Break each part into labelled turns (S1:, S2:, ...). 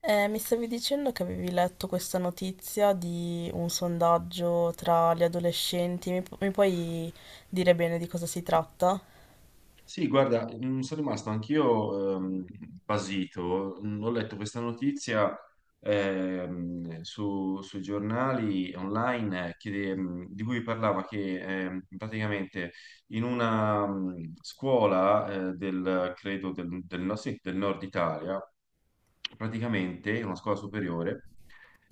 S1: Mi stavi dicendo che avevi letto questa notizia di un sondaggio tra gli adolescenti, mi puoi dire bene di cosa si tratta?
S2: Sì, guarda, sono rimasto anch'io basito. Ho letto questa notizia sui giornali online che, di cui parlava che praticamente in una scuola del, credo, del sì, del nord Italia, praticamente, in una scuola superiore,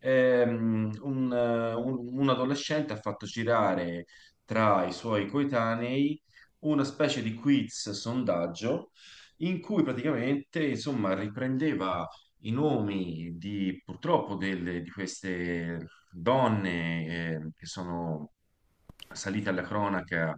S2: un, un adolescente ha fatto girare tra i suoi coetanei una specie di quiz sondaggio in cui praticamente, insomma, riprendeva i nomi di purtroppo di queste donne che sono salite alla cronaca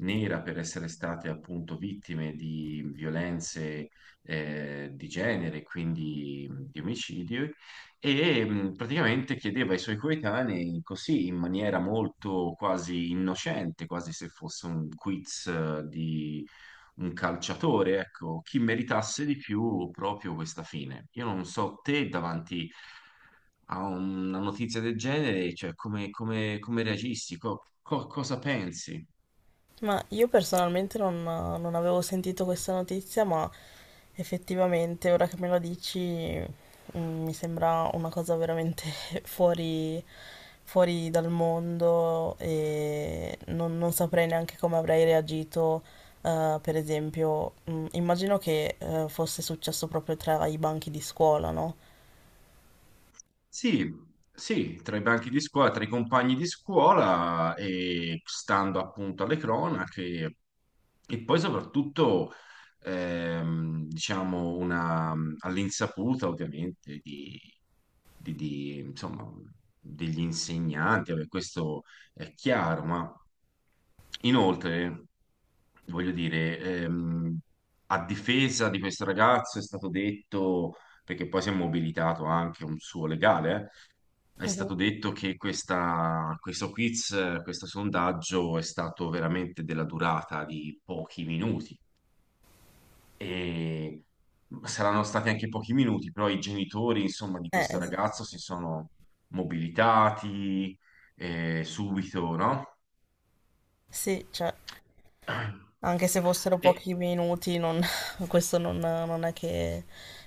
S2: nera per essere state appunto vittime di violenze di genere, quindi di omicidio e praticamente chiedeva ai suoi coetanei così in maniera molto quasi innocente, quasi se fosse un quiz di un calciatore, ecco, chi meritasse di più proprio questa fine. Io non so te davanti a una notizia del genere, cioè come, come reagisti, cosa pensi?
S1: Ma io personalmente non avevo sentito questa notizia, ma effettivamente ora che me la dici, mi sembra una cosa veramente fuori, fuori dal mondo e non saprei neanche come avrei reagito. Eh, per esempio, immagino che fosse successo proprio tra i banchi di scuola, no?
S2: Sì, sì, tra i banchi di scuola, tra i compagni di scuola e stando appunto alle cronache e poi soprattutto diciamo una, all'insaputa ovviamente di, di, insomma, degli insegnanti, vabbè, questo è chiaro, ma inoltre voglio dire, a difesa di questo ragazzo è stato detto, perché poi si è mobilitato anche un suo legale, è
S1: Mhm.
S2: stato detto che questo quiz, questo sondaggio è stato veramente della durata di pochi minuti e saranno stati anche pochi minuti, però i genitori, insomma, di
S1: Eh,
S2: questo
S1: es-
S2: ragazzo si sono mobilitati subito, no?
S1: sì, cioè, anche se fossero
S2: E
S1: pochi minuti, questo non è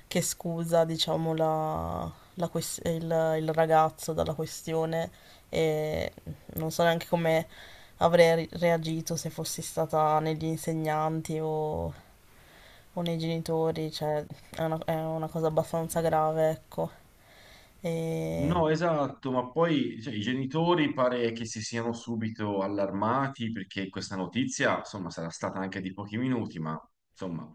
S1: che scusa, diciamo, la ques- il, il ragazzo dalla questione e non so neanche come avrei reagito se fossi stata negli insegnanti o nei genitori, cioè è è una cosa abbastanza grave, ecco. E...
S2: no, esatto, ma poi cioè, i genitori pare che si siano subito allarmati perché questa notizia, insomma, sarà stata anche di pochi minuti, ma insomma,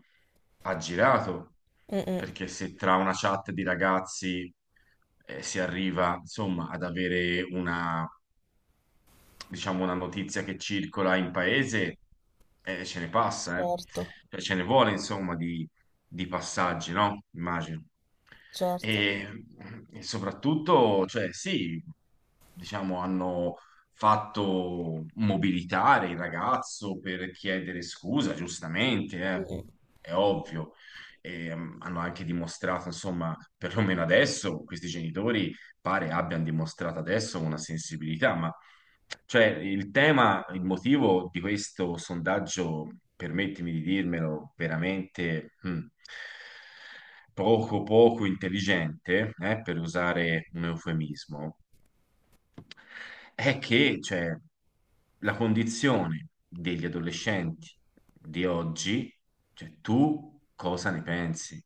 S2: ha girato,
S1: Mm, mm,
S2: perché se tra una chat di ragazzi si arriva, insomma, ad avere una diciamo, una notizia che circola in paese, ce ne passa, eh.
S1: certo,
S2: Cioè, ce ne vuole, insomma, di passaggi, no? Immagino.
S1: certo.
S2: E, e soprattutto, cioè, sì, diciamo, hanno fatto mobilitare il ragazzo per chiedere scusa, giustamente,
S1: Mm, mm.
S2: è ovvio. E, hanno anche dimostrato, insomma, perlomeno adesso, questi genitori pare abbiano dimostrato adesso una sensibilità, ma cioè, il tema, il motivo di questo sondaggio, permettimi di dirmelo, veramente poco poco intelligente, per usare un eufemismo, è che cioè, la condizione degli adolescenti di oggi, cioè tu cosa ne pensi?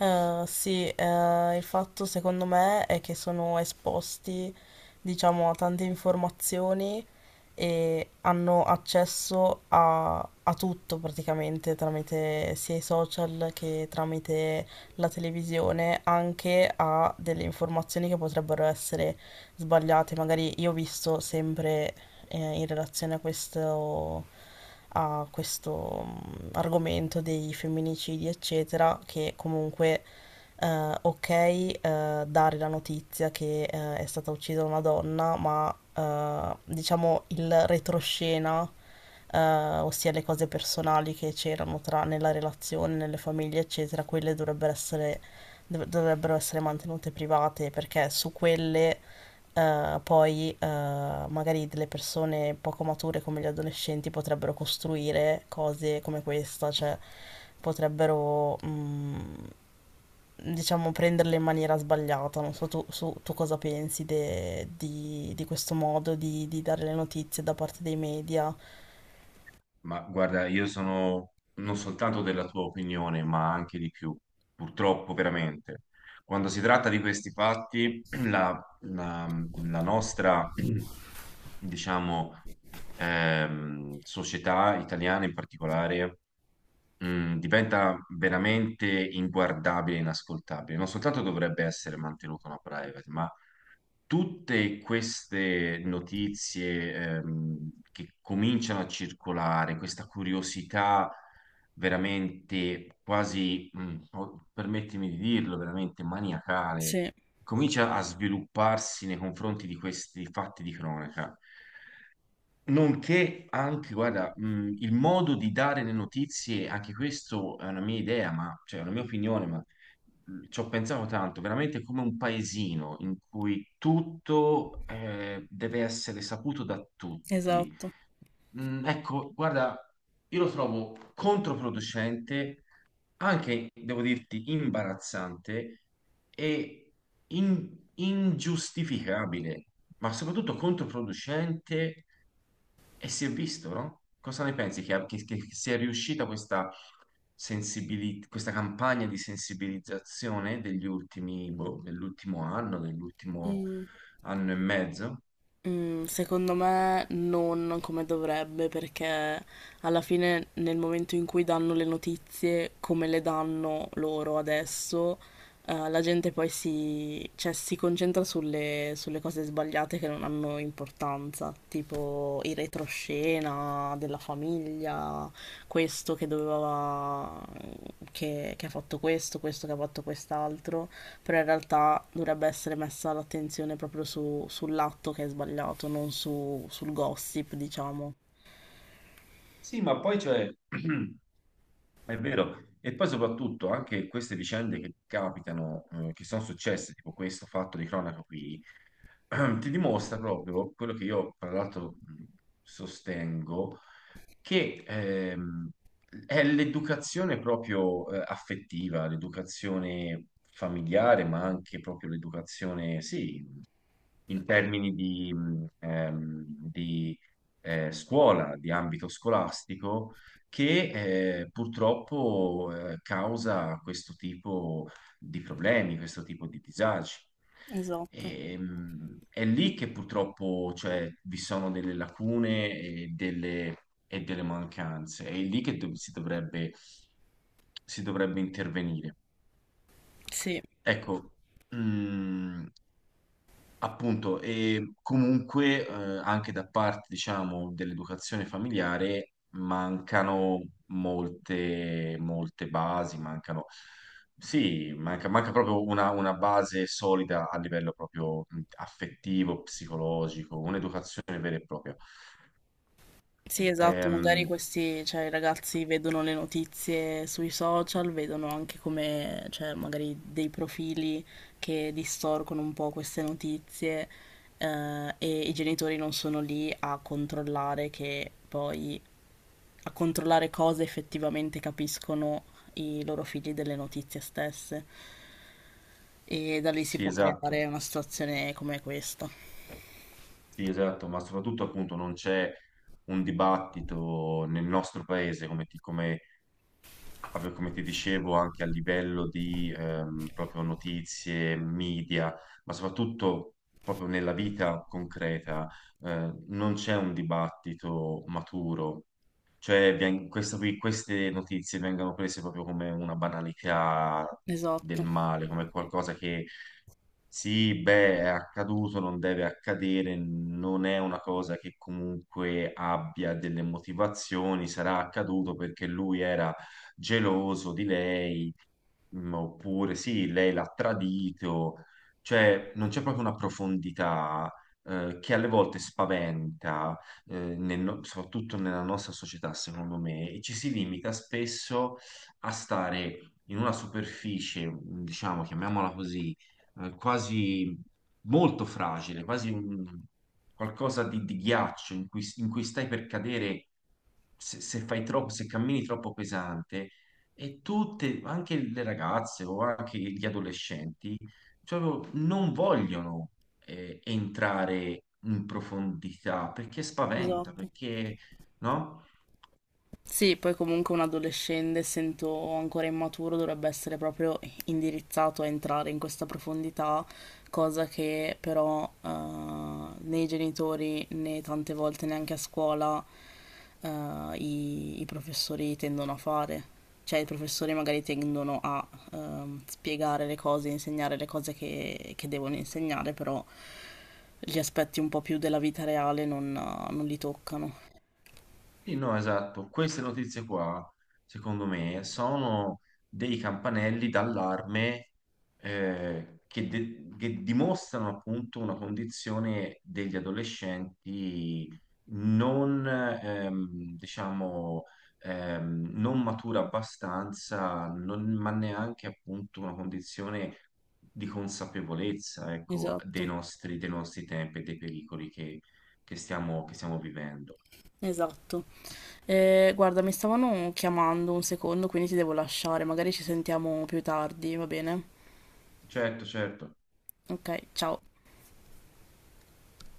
S1: Sì, il fatto secondo me è che sono esposti, diciamo, a tante informazioni e hanno accesso a tutto praticamente tramite sia i social che tramite la televisione, anche a delle informazioni che potrebbero essere sbagliate. Magari io ho visto sempre in relazione a questo argomento dei femminicidi, eccetera, che comunque ok, dare la notizia che è stata uccisa una donna, ma diciamo il retroscena, eh, ossia le cose personali che c'erano nella relazione, nelle famiglie, eccetera, quelle dovrebbero essere mantenute private perché su quelle poi magari delle persone poco mature come gli adolescenti potrebbero costruire cose come questa, cioè potrebbero diciamo, prenderle in maniera sbagliata. Non so tu, tu cosa pensi di questo modo di dare le notizie da parte dei media.
S2: Ma guarda, io sono non soltanto della tua opinione, ma anche di più, purtroppo veramente. Quando si tratta di questi fatti, la, la nostra, diciamo, società italiana in particolare, diventa veramente inguardabile e inascoltabile. Non soltanto dovrebbe essere mantenuta una privacy, ma tutte queste notizie che cominciano a circolare, questa curiosità veramente quasi, permettimi di dirlo, veramente maniacale,
S1: Sì,
S2: comincia a svilupparsi nei confronti di questi fatti di cronaca. Nonché anche, guarda, il modo di dare le notizie, anche questo è una mia idea, ma, cioè è una mia opinione, ma ci ho pensato tanto, veramente come un paesino in cui tutto deve essere saputo da tutti.
S1: esatto.
S2: Ecco, guarda, io lo trovo controproducente, anche, devo dirti, imbarazzante e in- ingiustificabile, ma soprattutto controproducente e si è visto, no? Cosa ne pensi che, che sia riuscita questa, questa campagna di sensibilizzazione degli ultimi, boh, dell'ultimo
S1: Mm.
S2: anno e mezzo?
S1: Mm, secondo me non come dovrebbe, perché alla fine nel momento in cui danno le notizie, come le danno loro adesso, la gente cioè, si concentra sulle cose sbagliate che non hanno importanza, tipo il retroscena della famiglia, questo che doveva, che ha fatto questo, questo che ha fatto quest'altro, però in realtà dovrebbe essere messa l'attenzione proprio sull'atto che è sbagliato, non su- sul gossip, diciamo.
S2: Sì, ma poi cioè, è vero, e poi soprattutto anche queste vicende che capitano, che sono successe, tipo questo fatto di cronaca qui, ti dimostra proprio quello che io, tra l'altro, sostengo, che è l'educazione proprio affettiva, l'educazione familiare, ma anche proprio l'educazione, sì, in termini di, scuola, di ambito scolastico, che purtroppo causa questo tipo di problemi, questo tipo di disagi.
S1: Esatto.
S2: E, è lì che purtroppo, cioè, vi sono delle lacune e delle mancanze, è lì che si dovrebbe intervenire.
S1: Sì.
S2: Ecco, mm, appunto, e comunque anche da parte, diciamo, dell'educazione familiare mancano molte, molte basi, mancano, sì, manca, manca proprio una base solida a livello proprio affettivo, psicologico, un'educazione vera e propria.
S1: Sì, esatto, magari
S2: Ehm,
S1: questi, cioè, i ragazzi vedono le notizie sui social, vedono anche come, cioè, magari dei profili che distorcono un po' queste notizie, e i genitori non sono lì a a controllare cosa effettivamente capiscono i loro figli delle notizie stesse. E da lì si
S2: sì,
S1: può
S2: esatto,
S1: creare una situazione come questa.
S2: sì, esatto, ma soprattutto appunto non c'è un dibattito nel nostro paese come, come come ti dicevo, anche a livello di proprio notizie, media, ma soprattutto proprio nella vita concreta, non c'è un dibattito maturo cioè, queste notizie vengono prese proprio come una banalità del
S1: Esatto,
S2: male, come qualcosa che sì, beh, è accaduto, non deve accadere, non è una cosa che comunque abbia delle motivazioni, sarà accaduto perché lui era geloso di lei. Oppure sì, lei l'ha tradito, cioè non c'è proprio una profondità che alle volte spaventa, nel soprattutto nella nostra società, secondo me, e ci si limita spesso a stare in una superficie, diciamo, chiamiamola così, quasi molto fragile, quasi qualcosa di ghiaccio in cui stai per cadere se fai troppo, se cammini troppo pesante e tutte, anche le ragazze o anche gli adolescenti, proprio non vogliono entrare in profondità perché spaventa,
S1: esatto.
S2: perché no?
S1: Sì, poi comunque un adolescente, essendo ancora immaturo, dovrebbe essere proprio indirizzato a entrare in questa profondità, cosa che però né i genitori né tante volte neanche a scuola eh, i professori tendono a fare. Cioè i professori magari tendono a spiegare le cose, insegnare le cose che devono insegnare, però gli aspetti un po' più della vita reale non li toccano.
S2: Sì, no, esatto. Queste notizie qua, secondo me, sono dei campanelli d'allarme che, che dimostrano appunto una condizione degli adolescenti non, diciamo, non matura abbastanza, non- ma neanche appunto una condizione di consapevolezza, ecco,
S1: Esatto,
S2: dei nostri tempi e dei pericoli che che stiamo vivendo.
S1: esatto. Guarda, mi stavano chiamando un secondo, quindi ti devo lasciare. Magari ci sentiamo più tardi, va bene?
S2: Certo, certo.
S1: Ok, ciao.